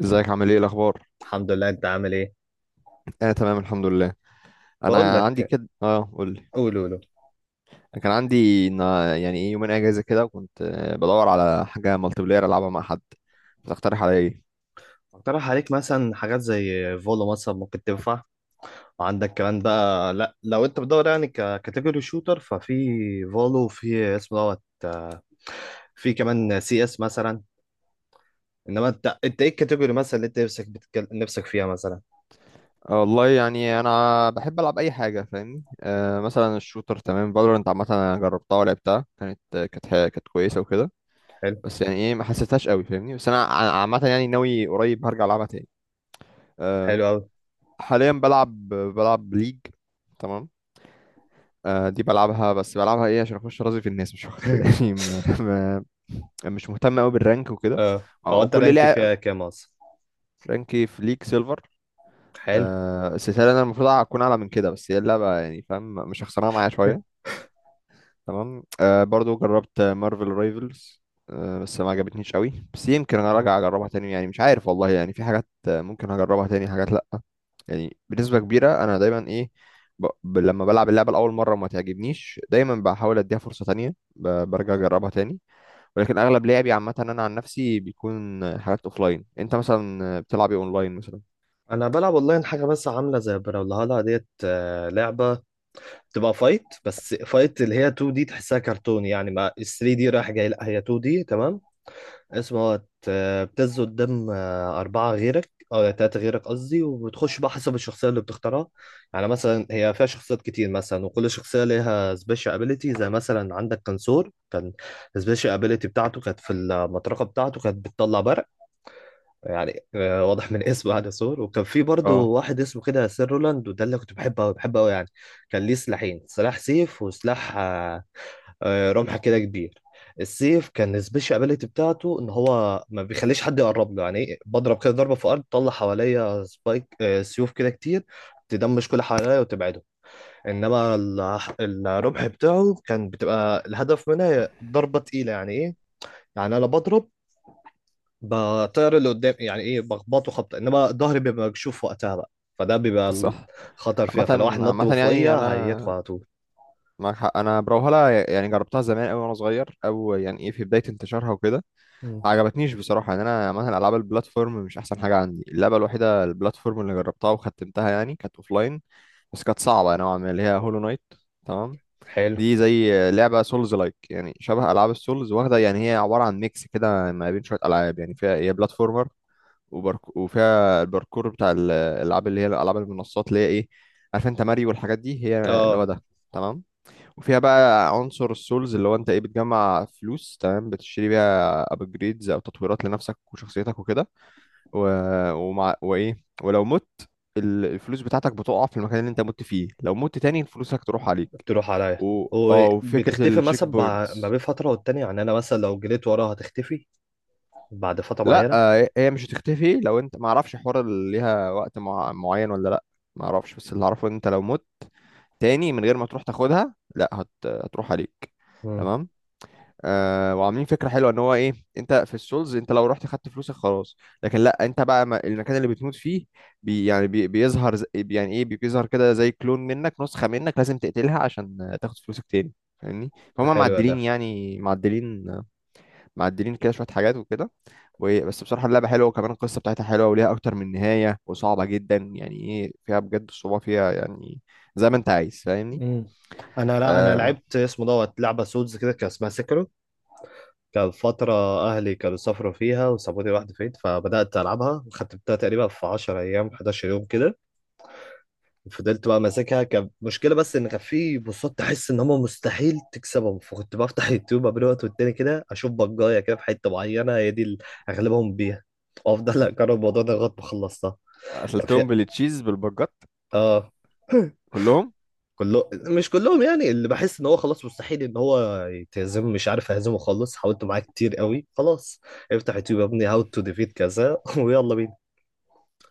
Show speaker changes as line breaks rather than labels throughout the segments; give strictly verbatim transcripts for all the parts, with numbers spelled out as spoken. ازيك عامل ايه الاخبار؟
الحمد لله، انت عامل ايه؟
انا تمام الحمد لله.
بقول
انا عندي
لك.
كده اه قول لي.
قول قول قول.
أنا كان عندي إن- يعني ايه يومين اجازه كده وكنت آه، بدور على حاجه مالتي بلاير العبها مع حد. تقترح عليا ايه؟
اقترح عليك مثلا حاجات زي فولو، مثلا ممكن تنفع. وعندك كمان بقى، لا لو انت بتدور يعني ككاتيجوري شوتر، ففي فولو، في اسمه دوت. في كمان سي اس مثلا. انما انت انت ايه الكاتيجوري مثلا اللي انت نفسك بتكل... نفسك فيها مثلا؟
آه، والله يعني انا بحب العب اي حاجه، فاهمني. آه مثلا الشوتر، تمام. فالورنت عامه انا جربتها ولعبتها، كانت آه، كانت ح- كانت كويسه وكده.
حلو.
بس يعني ايه ما حسيتهاش قوي، فاهمني. بس انا ع- عامه يعني ناوي قريب هرجع العبها تاني. آه
حلو قوي.
حاليا بلعب بلعب ليج، تمام. آه، دي بلعبها، بس بلعبها ايه عشان اخش راضي في الناس مش اكتر يعني ما ما مش مهتم قوي بالرانك وكده.
اه،
او
او
أو
انت
كل
رانك
لاعب،
فيها كام اصلا؟
رانكي في ليك سيلفر.
حلو.
آه السلسله، انا المفروض اكون اعلى من كده، بس هي اللعبه يعني فاهم، مش خسرانه معايا شويه. تمام. آه برضو جربت مارفل رايفلز. آه بس ما عجبتنيش قوي، بس يمكن انا
مم.
راجع اجربها تاني، يعني مش عارف والله، يعني في حاجات آه، ممكن هجربها تاني، حاجات لا. يعني بنسبة كبيرة أنا دايما إيه ب... ب... لما بلعب اللعبة لأول مرة وما تعجبنيش دايما بحاول أديها فرصة تانية، ب... برجع أجربها تاني. ولكن أغلب لعبي عامة، أنا عن نفسي بيكون حاجات أوفلاين. أنت مثلا بتلعب إيه أونلاين مثلا؟
انا بلعب اونلاين حاجه بس، عامله زي بrawlhalla ديت، آه، لعبه. تبقى فايت، بس فايت اللي هي تو دي تحسها كرتون، يعني ما... ثري دي رايح جاي، لا هي تو دي تمام. اسمه هو... بتنزل قدام آه، أربعة غيرك أو تلاتة غيرك قصدي، وبتخش بقى حسب الشخصية اللي بتختارها. يعني مثلا هي فيها شخصيات كتير، مثلا وكل شخصية ليها سبيشال ابيليتي، زي مثلا عندك كنسور. كان السبيشال ابيليتي بتاعته كانت في المطرقة بتاعته، كانت بتطلع برق، يعني آه، واضح من اسمه يعني سور. وكان في برضه
اه،
واحد اسمه كده سير رولاند، وده اللي كنت بحبه قوي، بحبه قوي يعني. كان ليه سلاحين، سلاح سيف وسلاح آه، آه، رمح كده كبير. السيف كان السبيشال ابيليتي بتاعته ان هو ما بيخليش حد يقرب له، يعني إيه، بضرب كده ضربه في الارض تطلع حواليا سبايك، آه، سيوف كده كتير تدمش كل حواليا وتبعده. انما ال- الرمح بتاعه كان بتبقى الهدف منها ضربه تقيله، يعني ايه. يعني انا بضرب، بطير اللي قدام، يعني ايه، بخبطه خبطه، انما ظهري بيبقى مكشوف وقتها بقى. فده بيبقى
صح.
الخطر فيها،
عامة،
فلو واحد نط من
عامة، يعني أنا
فوقيها هيدخل على طول.
معاك حق، أنا بروهلا يعني جربتها زمان أوي وأنا صغير، أو يعني إيه في بداية انتشارها وكده.
مم.
ما عجبتنيش بصراحة. يعني أنا عامة ألعاب البلاتفورم مش أحسن حاجة عندي. اللعبة الوحيدة البلاتفورم اللي جربتها وختمتها يعني كانت أوفلاين، بس كانت صعبة نوعا ما، اللي هي هولو نايت. تمام.
حلو.
دي زي لعبة سولز لايك، يعني شبه ألعاب السولز واخدة، يعني هي عبارة عن ميكس كده ما بين شوية ألعاب، يعني فيها هي بلاتفورمر. وبارك... وفيها الباركور بتاع ال- الألعاب اللي هي ألعاب المنصات، اللي هي إيه، عارف أنت ماريو والحاجات دي، هي اللي هو
اه،
ده. تمام. وفيها بقى عنصر السولز، اللي هو أنت إيه بتجمع فلوس، تمام. بتشتري بيها أبجريدز أو تطويرات لنفسك وشخصيتك وكده. و... ومع... وايه ولو مت، ال- الفلوس بتاعتك بتقع في المكان اللي انت مت فيه، لو مت تاني فلوسك تروح عليك.
تروح عليا.
و... اه وفكرة
وبتختفي
التشيك
مثلا بع- ما
بوينتس.
بين فتره والتانيه، يعني انا مثلا لو جريت وراها هتختفي بعد فتره
لا،
معينه.
آه، هي مش هتختفي، لو انت ما اعرفش حوار اللي ليها وقت مع... معين ولا لا. ما اعرفش، بس اللي اعرفه ان انت لو مت تاني من غير ما تروح تاخدها، لا هت... هتروح عليك.
مم.
تمام. آه وعاملين فكره حلوه ان هو ايه. انت في السولز، انت لو رحت خدت فلوسك خلاص، لكن لا، انت بقى، ما- المكان اللي بتموت فيه، بي يعني بي بيظهر ز- يعني ايه بيظهر كده زي كلون منك، نسخه منك، لازم تقتلها عشان آه، تاخد فلوسك تاني. فاهمني، فهم.
حلو ده.
معدلين يعني معدلين آه، معدلين كده شويه حاجات وكده. و- بس بصراحه اللعبه حلوه، وكمان القصه بتاعتها حلوه وليها اكتر من نهايه، وصعبه جدا يعني ايه، فيها بجد الصعوبه فيها يعني، زي ما انت عايز، فاهمني.
مم. انا لا انا
آه
لعبت اسمه دوت، لعبه سولز كده كان اسمها سكرو. كان فتره اهلي كانوا سافروا فيها وسابوني لوحدي فين، فبدات العبها وختمتها تقريبا في عشر ايام، حداشر يوم كده. فضلت بقى ماسكها، كان مشكلة بس ان كان في بوصات تحس ان هم مستحيل تكسبهم، فكنت بفتح يوتيوب قبل وقت والتاني كده اشوف بجاية كده، في حتة معينة هي دي اللي اغلبهم بيها، وافضل اجرب الموضوع ده لغاية ما خلصتها. كان في...
قتلتهم بالتشيز بالبجات
اه.
كلهم؟
كله، مش كلهم يعني. اللي بحس ان هو خلاص مستحيل ان هو يتهزم، مش عارف اهزمه خالص، حاولت معاه كتير قوي، خلاص افتح يوتيوب يا ابني هاو تو ديفيت كذا ويلا بينا.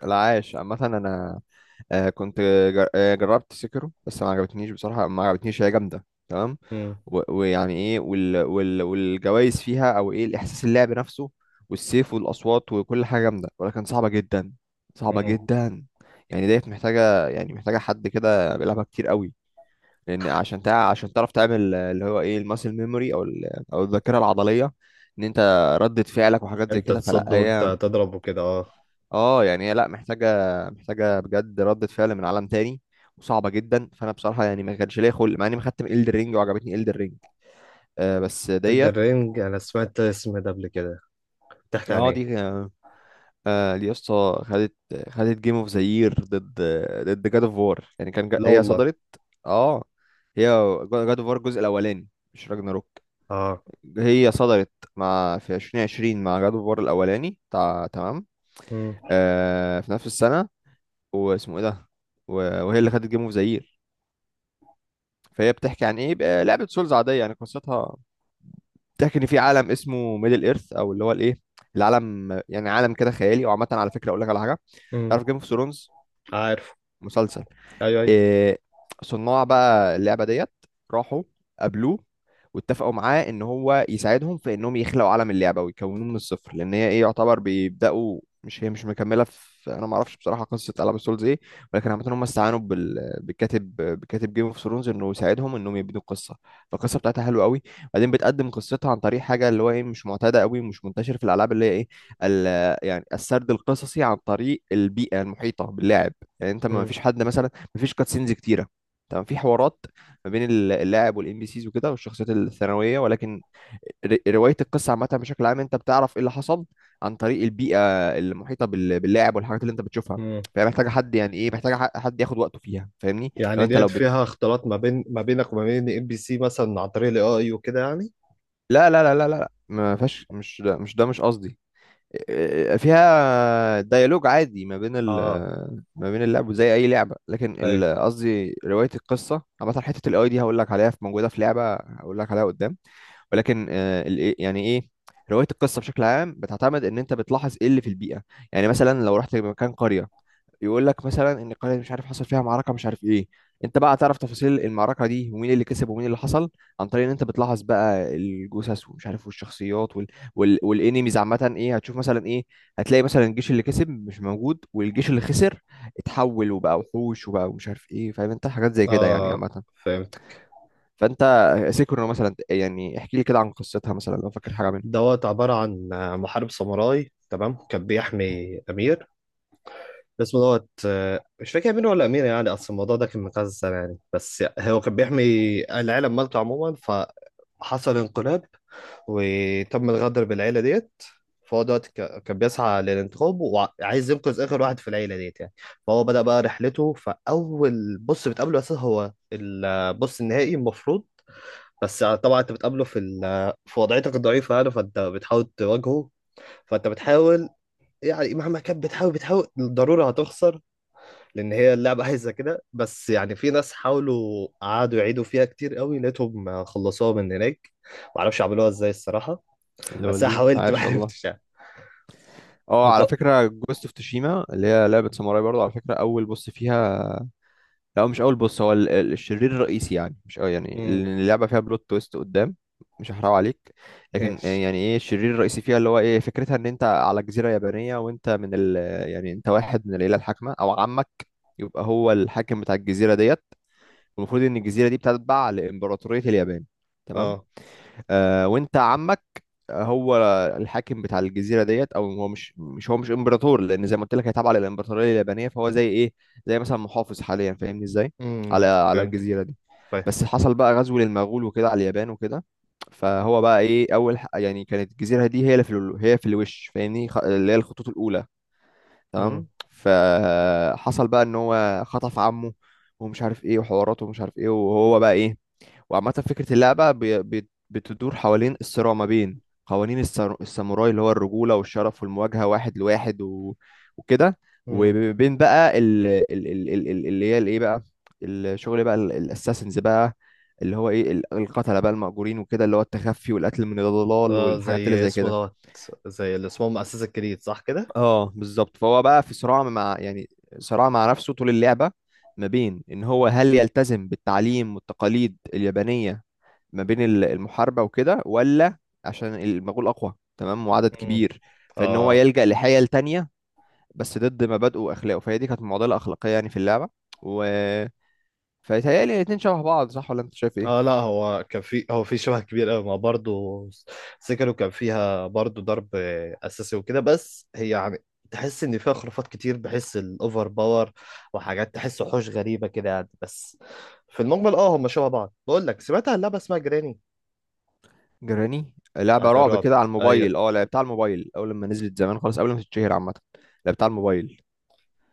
العاش. عامة أنا آه، كنت جر- آه، جربت سكرو، بس ما عجبتنيش بصراحة، ما عجبتنيش، هي جامدة تمام.
مم.
و- ويعني إيه وال وال والجوايز فيها، أو إيه الإحساس اللعب نفسه، والسيف والأصوات وكل حاجة جامدة، ولكن صعبة جدا، صعبة
مم.
جدا. يعني ديت محتاجة، يعني محتاجة حد كده بيلعبها كتير قوي. لأن عشان تع عشان تعرف تعمل، آه، اللي هو إيه الماسل ميموري، أو ال- أو الذاكرة العضلية. إن أنت ردة فعلك وحاجات زي
امتى
كده، فلا
تصد
هي،
وامتى تضرب وكده، اه.
اه يعني هي، لا محتاجه محتاجه بجد ردة فعل من عالم تاني، وصعبه جدا. فانا بصراحه يعني ما كانش ليا خلق، مع اني مختم الدر رينج وعجبتني الدر رينج. آه بس ديت،
الدرينج انا سمعت اسم ده قبل كده، بتحكي عن
اه،
ايه؟
دي آه آه، دي يا اسطى، خدت خدت جيم اوف ذا يير، ضد، ضد جاد اوف وار. يعني كان جا-
لا
هي
والله.
صدرت. اه، هي جاد اوف وار الجزء الاولاني، مش راجناروك.
اه.
هي صدرت مع في ألفين وعشرين مع جاد اوف وار الاولاني، تع... تمام.
امم.
آه في نفس السنه، واسمه ايه ده، و- وهي اللي خدت جيم اوف ذا. فهي بتحكي عن ايه بقى، لعبه سولز عاديه يعني، قصتها بتحكي ان في عالم اسمه ميدل ايرث، او اللي هو الايه، العالم، يعني عالم كده خيالي. وعامه على فكره اقول لك على حاجه.
امم.
تعرف جيم اوف ثرونز،
عارف.
مسلسل؟
ايوه، ايوه.
إيه، صناع بقى اللعبة ديت راحوا قابلوه، واتفقوا معاه ان هو يساعدهم في انهم يخلقوا عالم اللعبة ويكونوه من الصفر، لان هي ايه يعتبر بيبدأوا، مش هي مش مكملة في، انا ما اعرفش بصراحة قصة العاب سولز ايه. ولكن عامة هم استعانوا بال... بالكاتب، بكاتب جيم اوف ثرونز، انه يساعدهم انهم يبنوا القصة. فالقصة بتاعتها حلوة قوي. بعدين بتقدم قصتها عن طريق حاجة، اللي هو ايه مش معتادة قوي، مش منتشر في الالعاب، اللي هي ايه، ال... يعني السرد القصصي عن طريق البيئة المحيطة باللاعب. يعني انت، ما
امم.
فيش حد مثلا، مفيش كاتسينز كتيره، تمام. في حوارات ما بين ال- اللاعب والان بي سيز وكده، والشخصيات الثانويه، ولكن ر- روايه القصه عامه، بشكل عام انت بتعرف ايه اللي حصل عن طريق البيئه المحيطه بال- باللاعب، والحاجات اللي انت بتشوفها.
امم.
فهي محتاجه حد، يعني ايه محتاجه ح- حد ياخد وقته فيها، فاهمني. لو
يعني
انت
ديت
لو بت
فيها اختلاط ما بين ما بينك وما بين ام بي سي مثلا، عن طريق الاي اي وكده يعني؟
لا، لا، لا، لا، لا، لا، ما فيهاش، مش ده مش ده، مش قصدي. فيها ديالوج عادي ما بين ال،
اه.
ما بين اللعب زي اي لعبه، لكن
ايوه.
ال- قصدي، روايه القصه عامه، حته الاي دي هقول لك عليها، في موجوده في لعبه هقول لك عليها قدام. ولكن آه، ال- إيه- يعني ايه روايه القصه بشكل عام بتعتمد ان انت بتلاحظ ايه اللي في البيئه. يعني مثلا لو رحت مكان قريه، يقول لك مثلا ان قرية مش عارف حصل فيها معركة مش عارف ايه. انت بقى تعرف تفاصيل المعركة دي، ومين اللي كسب ومين اللي حصل، عن طريق ان انت بتلاحظ بقى الجثث ومش عارف، والشخصيات وال... وال... والانيميز عامة، ايه هتشوف مثلا، ايه هتلاقي مثلا. الجيش اللي كسب مش موجود، والجيش اللي خسر اتحول وبقى وحوش، وبقى ومش عارف ايه، فاهم انت؟ حاجات زي كده، يعني
اه،
عامة.
فهمتك.
فانت، سيكرو مثلا يعني، احكي لي كده عن قصتها مثلا لو فاكر حاجة منها.
دوت عبارة عن محارب ساموراي تمام، كان بيحمي امير اسمه دوت، آه، مش فاكر امير ولا امير يعني، اصل الموضوع ده كان من كذا سنة يعني، بس هو كان بيحمي العالم مالته عموما. فحصل انقلاب وتم الغدر بالعيلة ديت. فهو دلوقتي ك- كان بيسعى للانتخاب، وعايز ينقذ آخر واحد في العيلة ديت يعني. فهو بدأ بقى رحلته، فأول بص بتقابله أساسا هو البص النهائي المفروض. بس طبعا انت بتقابله في ال- في وضعيتك الضعيفه يعني، فانت بتحاول تواجهه. فانت بتحاول، يعني مهما كان بتحاول، بتحاول الضروره هتخسر، لان هي اللعبه عايزه كده. بس يعني في ناس حاولوا قعدوا يعيدوا فيها كتير قوي، لقيتهم خلصوها من هناك، معرفش عملوها ازاي الصراحه. بس انا
لول،
حاولت ما
عاش والله.
عرفتش يعني.
اه على
وط-
فكرة، جوست اوف توشيما، اللي هي لعبة ساموراي برضه، على فكرة أول بوس فيها. لا هو مش اول بص، هو ال- ال- الشرير الرئيسي يعني، مش، اه يعني
امم.
اللي اللعبه فيها بلوت تويست قدام، مش هحرقه عليك. لكن آه،
ايش.
يعني ايه الشرير الرئيسي فيها، اللي هو ايه فكرتها، ان انت على جزيره يابانيه، وانت من ال، يعني انت واحد من العيله الحاكمه، او عمك يبقى هو الحاكم بتاع الجزيره ديت. والمفروض ان الجزيره دي بتتبع لامبراطوريه اليابان، تمام.
اه.
آه وانت عمك، هو الحاكم بتاع الجزيره ديت، او هو مش مش هو مش امبراطور، لان زي ما قلت لك هي تابعه للامبراطوريه اليابانيه، فهو زي ايه، زي مثلا محافظ حاليا، فاهمني ازاي، على
امم.
على الجزيره
فهمتك،
دي.
فاهم.
بس حصل بقى غزو للمغول وكده على اليابان وكده. فهو بقى ايه، اول ح- يعني كانت الجزيره دي هي اللي في ال- هي في الوش، فاهمني، خ- اللي هي الخطوط الاولى،
امم.
تمام. فحصل بقى ان هو خطف عمه ومش عارف ايه وحواراته ومش عارف ايه، وهو بقى ايه. وعامة فكرة اللعبة بي- بي- بتدور حوالين الصراع ما بين قوانين السر- الساموراي، اللي هو الرجولة والشرف والمواجهة واحد لواحد و... وكده،
امم.
وبين بقى ال... ال... ال... ال... ال- اللي هي الايه بقى، الشغل بقى، ال- الاساسنز بقى، اللي هو ايه، ال- القتلة بقى المأجورين وكده، اللي هو التخفي والقتل من الضلال
اه،
والحاجات اللي
زي
زي
اسمه
كده.
دوت، زي اللي اسمه مؤسسة الجديد، صح كده؟
اه بالظبط. فهو بقى في صراع مع، يعني صراع مع نفسه طول اللعبة، ما بين ان هو هل يلتزم بالتعليم والتقاليد اليابانية، ما بين ال- المحاربة وكده، ولا عشان المغول اقوى تمام وعدد
امم.
كبير، فان هو
اه.
يلجأ لحيل تانية، بس ضد مبادئه واخلاقه. فهي دي كانت معضلة اخلاقية يعني في اللعبة. و فيتهيألي الاتنين شبه بعض، صح ولا انت شايف
اه،
ايه؟
لا هو كان في هو في شبه كبير قوي ما برضه. سيكلو كان فيها برضه ضرب اساسي وكده، بس هي يعني تحس ان فيها خرافات كتير، بحس الاوفر باور، وحاجات تحس وحوش غريبه كده يعني. بس في المجمل اه هم شبه بعض. بقول لك، سمعت عن لعبه اسمها جراني؟
جراني، لعبة
بتاعت
رعب
الرعب.
كده على
ايوه.
الموبايل، اه لعبتها على الموبايل اول لما نزلت زمان خالص قبل ما تتشهر عامة. لعبتها على الموبايل.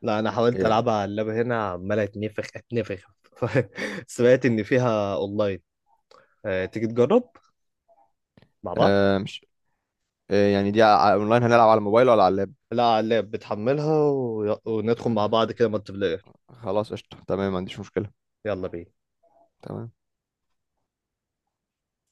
لا انا حاولت
إيه.
العبها على اللعبه هنا عمال اتنفخ اتنفخ سمعت ان فيها اونلاين، آه، تيجي تجرب مع بعض؟
آه مش، إيه يعني، دي ع- اونلاين، هنلعب على الموبايل ولا على اللاب؟
لا على اللاب، بتحملها و... وندخل مع بعض كده مالتي بلاير.
خلاص قشطة، تمام، ما عنديش مشكلة.
يلا بينا.
تمام.